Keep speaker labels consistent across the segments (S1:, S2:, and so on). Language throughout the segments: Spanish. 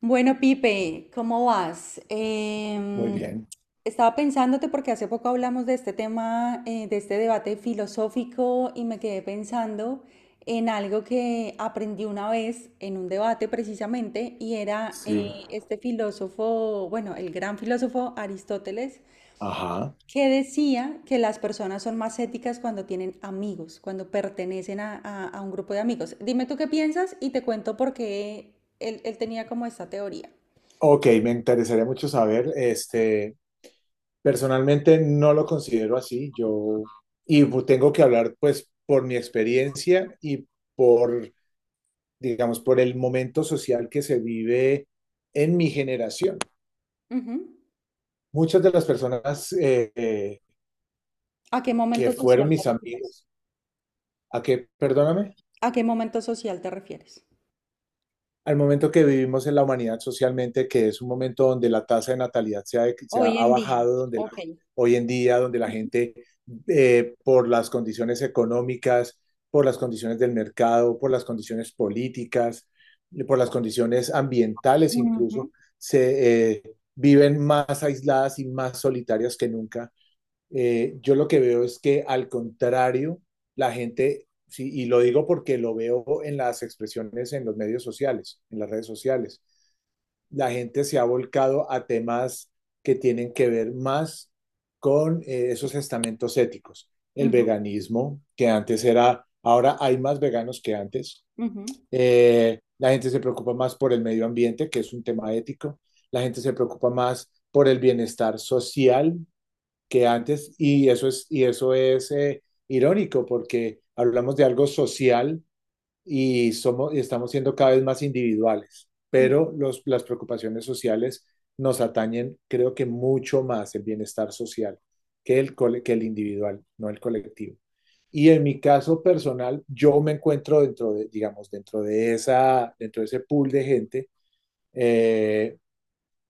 S1: Bueno, Pipe, ¿cómo vas?
S2: Muy bien,
S1: Estaba pensándote porque hace poco hablamos de este tema, de este debate filosófico y me quedé pensando en algo que aprendí una vez en un debate precisamente y era
S2: sí.
S1: este filósofo, bueno, el gran filósofo Aristóteles,
S2: Ajá.
S1: que decía que las personas son más éticas cuando tienen amigos, cuando pertenecen a un grupo de amigos. Dime tú qué piensas y te cuento por qué él tenía como esta teoría.
S2: Ok, me interesaría mucho saber. Personalmente no lo considero así. Yo, tengo que hablar pues por mi experiencia y por, digamos, por el momento social que se vive en mi generación.
S1: Ujú.
S2: Muchas de las personas
S1: ¿A qué
S2: que
S1: momento
S2: fueron
S1: social te
S2: mis
S1: refieres?
S2: amigos, ¿a qué? Perdóname.
S1: ¿A qué momento social te refieres?
S2: Al momento que vivimos en la humanidad socialmente, que es un momento donde la tasa de natalidad
S1: Hoy
S2: ha
S1: en día.
S2: bajado, donde
S1: Ok.
S2: hoy en día, donde la
S1: Ujú,
S2: gente, por las condiciones económicas, por las condiciones del mercado, por las condiciones políticas, por las condiciones ambientales incluso,
S1: ujú,
S2: se viven más aisladas y más solitarias que nunca. Yo lo que veo es que, al contrario, la gente, sí, y lo digo porque lo veo en las expresiones en los medios sociales, en las redes sociales, la gente se ha volcado a temas que tienen que ver más con esos estamentos éticos. El
S1: ujú,
S2: veganismo, que antes era, ahora hay más veganos que antes.
S1: ujú,
S2: La gente se preocupa más por el medio ambiente, que es un tema ético. La gente se preocupa más por el bienestar social que antes, y eso es irónico porque hablamos de algo social y, somos, y estamos siendo cada vez más individuales,
S1: ujú,
S2: pero las preocupaciones sociales nos atañen, creo que mucho más el bienestar social que el, que el individual, no el colectivo. Y en mi caso personal, yo me encuentro dentro de, digamos, dentro de, dentro de ese pool de gente, eh,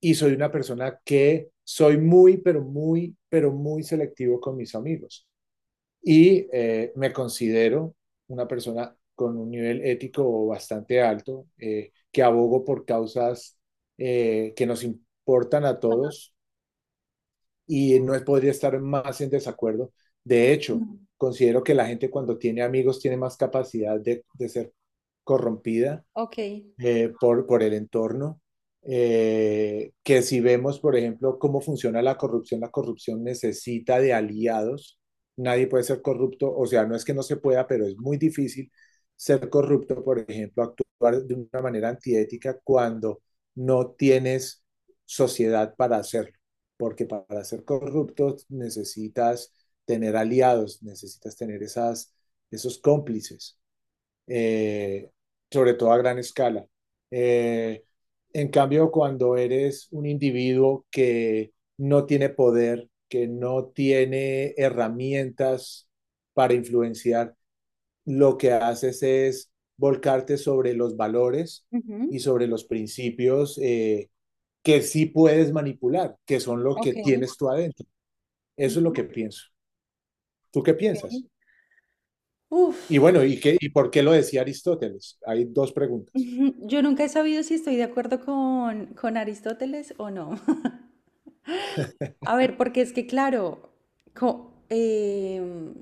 S2: y soy una persona que soy muy, pero muy, pero muy selectivo con mis amigos, y me considero una persona con un nivel ético bastante alto, que abogo por causas que nos importan a todos, y no podría estar más en desacuerdo. De hecho,
S1: ujú.
S2: considero que la gente, cuando tiene amigos, tiene más capacidad de, ser corrompida
S1: Ok,
S2: por, el entorno. Que si vemos, por ejemplo, cómo funciona la corrupción necesita de aliados. Nadie puede ser corrupto, o sea, no es que no se pueda, pero es muy difícil ser corrupto, por ejemplo, actuar de una manera antiética cuando no tienes sociedad para hacerlo, porque para ser corrupto necesitas tener aliados, necesitas tener esos cómplices, eh, sobre todo a gran escala. Eh, en cambio, cuando eres un individuo que no tiene poder, que no tiene herramientas para influenciar, lo que haces es volcarte sobre los valores y
S1: ujú,
S2: sobre los principios, que sí puedes manipular, que son lo que
S1: ok,
S2: tienes tú adentro. Eso es lo que
S1: ujú,
S2: pienso. ¿Tú qué
S1: ok.
S2: piensas? Y
S1: Uf.
S2: bueno, ¿y qué, y por qué lo decía Aristóteles? Hay dos preguntas,
S1: Yo nunca he sabido si estoy de acuerdo con Aristóteles o no. A ver, porque es que, claro, co- em,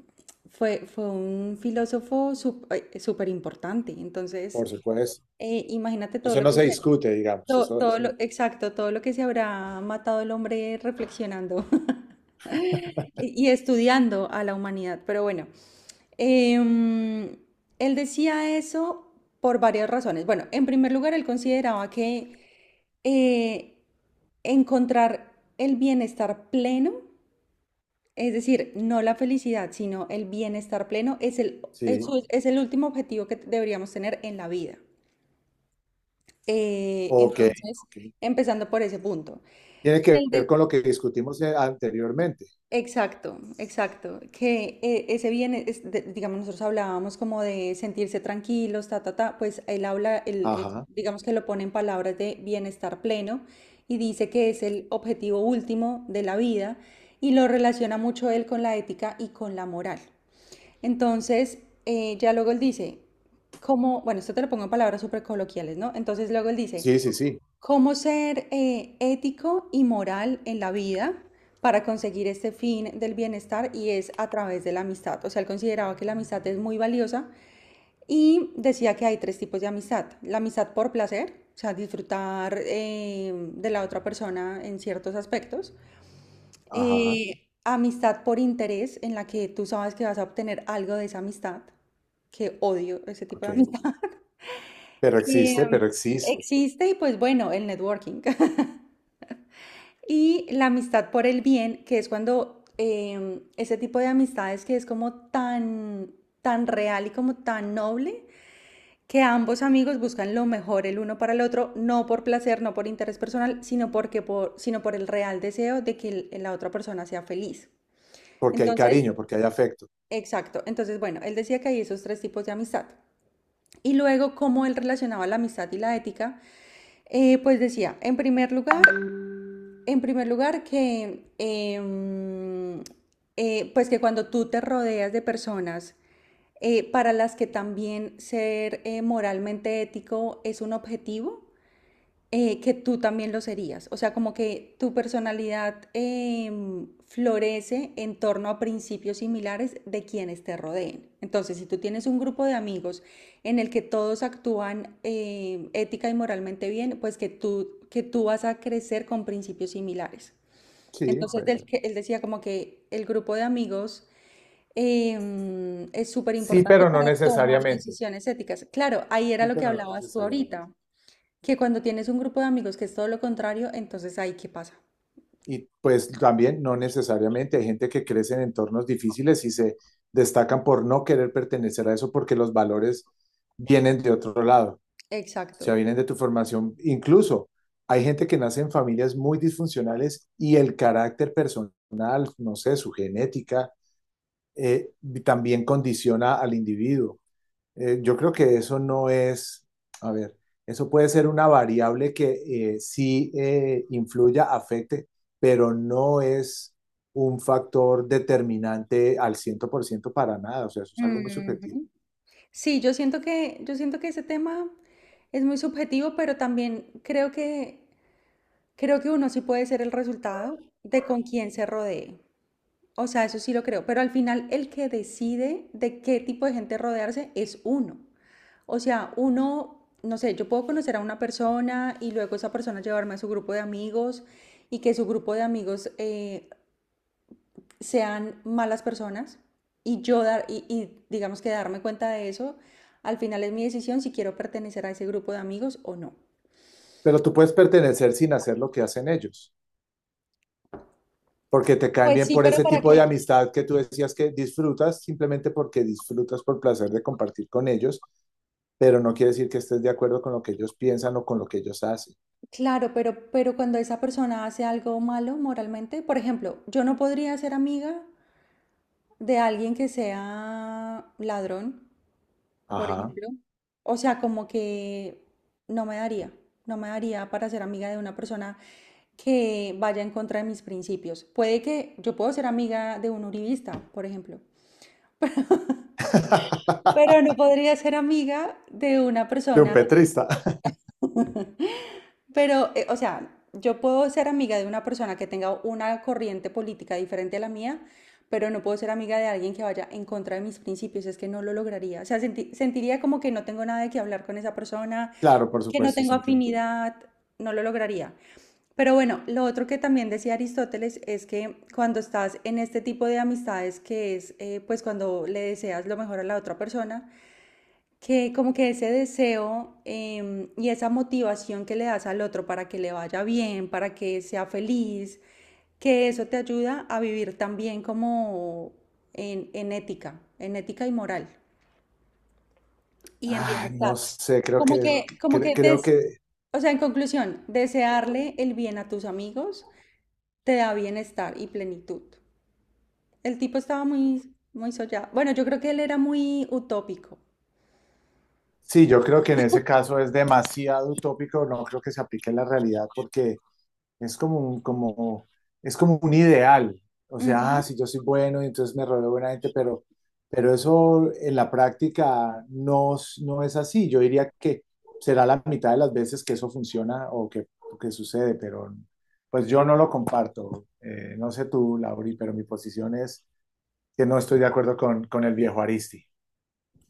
S1: fue un filósofo súper importante. Entonces,
S2: por supuesto.
S1: imagínate todo
S2: Eso
S1: lo
S2: no
S1: que
S2: se
S1: se
S2: discute, digamos. Eso,
S1: Todo
S2: eso.
S1: lo, exacto, todo lo que se habrá matado el hombre reflexionando y estudiando a la humanidad. Pero bueno, em, él decía eso por varias razones. Bueno, en primer lugar, él consideraba que eh, encontrar el bienestar pleno, es decir, no la felicidad, sino el bienestar pleno, es el, es
S2: Sí,
S1: es el último objetivo que deberíamos tener en la vida.
S2: ok,
S1: Entonces,
S2: ok.
S1: empezando por ese punto.
S2: Tiene que ver con lo que discutimos anteriormente.
S1: Exacto, exacto. Que ese bien, es digamos, nosotros hablábamos como de sentirse tranquilos, ta, ta, ta, pues él habla, él,
S2: Ajá.
S1: digamos que lo pone en palabras de bienestar pleno y dice que es el objetivo último de la vida y lo relaciona mucho él con la ética y con la moral. Entonces, ya luego él dice, como, bueno, esto te lo pongo en palabras súper coloquiales, ¿no? Entonces luego él dice,
S2: Sí, sí, sí.
S1: ¿cómo ser ético y moral en la vida para conseguir este fin del bienestar? Y es a través de la amistad. O sea, él consideraba que la amistad es muy valiosa y decía que hay tres tipos de amistad. La amistad por placer, o sea, disfrutar de la otra persona en ciertos aspectos.
S2: Ajá,
S1: Amistad por interés, en la que tú sabes que vas a obtener algo de esa amistad, que odio ese tipo
S2: ok.
S1: de amistad.
S2: Pero existe,
S1: Em,
S2: pero existe.
S1: Existe y pues bueno, el networking. Y la amistad por el bien, que es cuando ese tipo de amistades que es como tan, tan real y como tan noble, que ambos amigos buscan lo mejor el uno para el otro, no por placer, no por interés personal, sino, sino por el real deseo de que la otra persona sea feliz.
S2: Porque hay
S1: Entonces, ok,
S2: cariño, porque hay afecto.
S1: exacto. Entonces, bueno, él decía que hay esos tres tipos de amistad. Y luego, cómo él relacionaba la amistad y la ética, pues decía, en primer lugar, que, pues que cuando tú te rodeas de personas para las que también ser moralmente ético es un objetivo, que tú también lo serías. O sea, como que tu personalidad florece en torno a principios similares de quienes te rodeen. Entonces, si tú tienes un grupo de amigos en el que todos actúan ética y moralmente bien, pues que tú vas a crecer con principios similares.
S2: Sí,
S1: Entonces
S2: puede
S1: él,
S2: ser.
S1: él decía como que el grupo de amigos es súper
S2: Sí,
S1: importante
S2: pero no
S1: para tomar
S2: necesariamente.
S1: decisiones éticas. Claro, ahí era
S2: Sí,
S1: lo que
S2: pero no
S1: hablabas tú
S2: necesariamente.
S1: ahorita, que cuando tienes un grupo de amigos que es todo lo contrario, entonces ahí qué pasa.
S2: Y pues también no necesariamente. Hay gente que crece en entornos difíciles y se destacan por no querer pertenecer a eso porque los valores vienen de otro lado. Sea,
S1: Exacto.
S2: vienen de tu formación. Incluso hay gente que nace en familias muy disfuncionales y el carácter personal, no sé, su genética, eh, también condiciona al individuo. Yo creo que eso no es, a ver, eso puede ser una variable que, sí influya, afecte, pero no es un factor determinante al 100% para nada, o sea, eso es algo muy subjetivo.
S1: Ujú. Sí, yo siento que ese tema es muy subjetivo, pero también creo que uno sí puede ser el resultado de con quién se rodee. O sea, eso sí lo creo, pero al final el que decide de qué tipo de gente rodearse es uno. O sea, uno, no sé, yo puedo conocer a una persona y luego esa persona llevarme a su grupo de amigos y que su grupo de amigos sean malas personas y y digamos que darme cuenta de eso, al final es mi decisión si quiero pertenecer a ese grupo de amigos o no.
S2: Pero tú puedes pertenecer sin hacer lo que hacen ellos, porque te caen
S1: Pues
S2: bien
S1: sí,
S2: por
S1: pero
S2: ese
S1: ¿para
S2: tipo
S1: qué?
S2: de amistad que tú decías que disfrutas, simplemente porque disfrutas por placer de compartir con ellos, pero no quiere decir que estés de acuerdo con lo que ellos piensan o con lo que ellos hacen.
S1: Claro, pero cuando esa persona hace algo malo moralmente, por ejemplo, yo no podría ser amiga de alguien que sea ladrón, por
S2: Ajá.
S1: ejemplo. O sea, como que no me daría, no me daría para ser amiga de una persona que vaya en contra de mis principios. Puede que yo puedo ser amiga de un uribista, por ejemplo, pero no podría ser amiga de una
S2: De un
S1: persona.
S2: petrista.
S1: Pero, o sea, yo puedo ser amiga de una persona que tenga una corriente política diferente a la mía, pero no puedo ser amiga de alguien que vaya en contra de mis principios, es que no lo lograría. O sea, sentiría como que no tengo nada de qué hablar con esa persona,
S2: Claro, por
S1: que no
S2: supuesto,
S1: tengo
S2: se entiende.
S1: afinidad, no lo lograría. Pero bueno, lo otro que también decía Aristóteles es que cuando estás en este tipo de amistades, que es pues cuando le deseas lo mejor a la otra persona, que como que ese deseo y esa motivación que le das al otro para que le vaya bien, para que sea feliz, que eso te ayuda a vivir también como en ética, en ética y moral y en
S2: Ay, no
S1: bienestar.
S2: sé, creo que,
S1: Como que,
S2: creo que,
S1: o sea, en conclusión, desearle el bien a tus amigos te da bienestar y plenitud. El tipo estaba muy, muy soñado. Bueno, yo creo que él era muy utópico.
S2: sí, yo creo que en ese caso es demasiado utópico, no creo que se aplique en la realidad porque es como un, como, es como un ideal. O sea, ah, si yo soy bueno y entonces me rodeo de buena gente, pero, eso en la práctica no, no es así. Yo diría que será la mitad de las veces que eso funciona o que sucede, pero pues yo no lo comparto. No sé tú, Lauri, pero mi posición es que no estoy de acuerdo con, el viejo Aristi.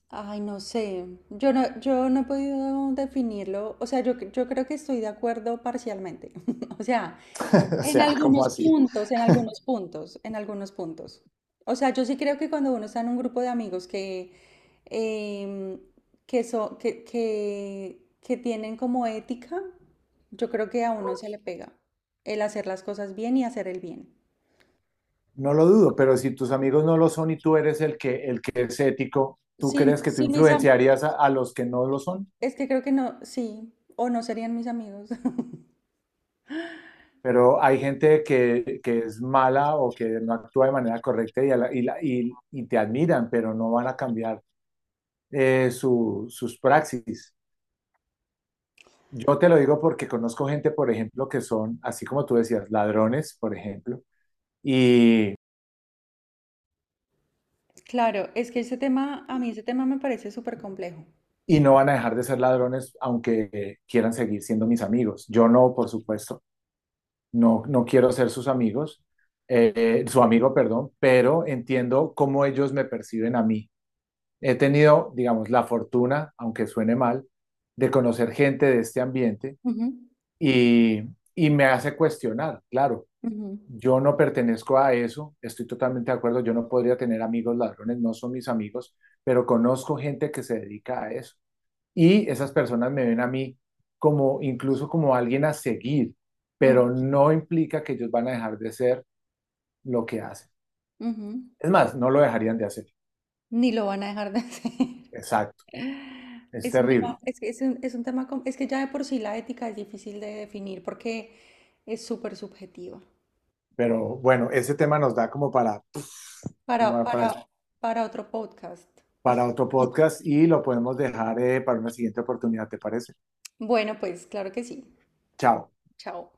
S1: Ay, no sé. Yo no he podido definirlo. O sea, yo creo que estoy de acuerdo parcialmente. O sea,
S2: O
S1: en
S2: sea, como
S1: algunos
S2: así?
S1: puntos, en algunos puntos, en algunos puntos. O sea, yo sí creo que cuando uno está en un grupo de amigos que, em, que tienen como ética, yo creo que a uno se le pega el hacer las cosas bien y hacer el bien.
S2: No lo dudo, pero si tus amigos no lo son y tú eres el que es ético, ¿tú
S1: Sí,
S2: crees que tú
S1: sí,
S2: influenciarías a, los que no lo son?
S1: es que creo que no, sí, o no serían mis amigos.
S2: Pero hay gente que es mala o que no actúa de manera correcta y, a la- y te admiran, pero no van a cambiar, sus praxis. Yo te lo digo porque conozco gente, por ejemplo, que son, así como tú decías, ladrones, por ejemplo, y,
S1: Claro, es que ese tema, a mí ese tema me parece súper complejo.
S2: y no van a dejar de ser ladrones aunque quieran seguir siendo mis amigos. Yo no, por supuesto. No, no quiero ser sus amigos, su amigo, perdón, pero entiendo cómo ellos me perciben a mí. He tenido, digamos, la fortuna, aunque suene mal, de conocer gente de este ambiente,
S1: Ujú,
S2: y, y me hace cuestionar, claro,
S1: ujú,
S2: yo no pertenezco a eso, estoy totalmente de acuerdo, yo no podría tener amigos ladrones, no son mis amigos, pero conozco gente que se dedica a eso, y esas personas me ven a mí como incluso como alguien a seguir,
S1: ujú,
S2: pero no implica que ellos van a dejar de ser lo que hacen.
S1: ujú.
S2: Es más, no lo dejarían de hacer.
S1: Ni lo van a dejar de hacer.
S2: Exacto, es
S1: Es un tema,
S2: terrible.
S1: es que es un tema, es que ya de por sí la ética es difícil de definir porque es súper subjetiva.
S2: Pero bueno, ese tema nos da como para,
S1: Para,
S2: como
S1: para, para otro podcast.
S2: para otro podcast, y lo podemos dejar, para una siguiente oportunidad, ¿te parece?
S1: Bueno, pues claro que sí.
S2: Chao.
S1: Chao.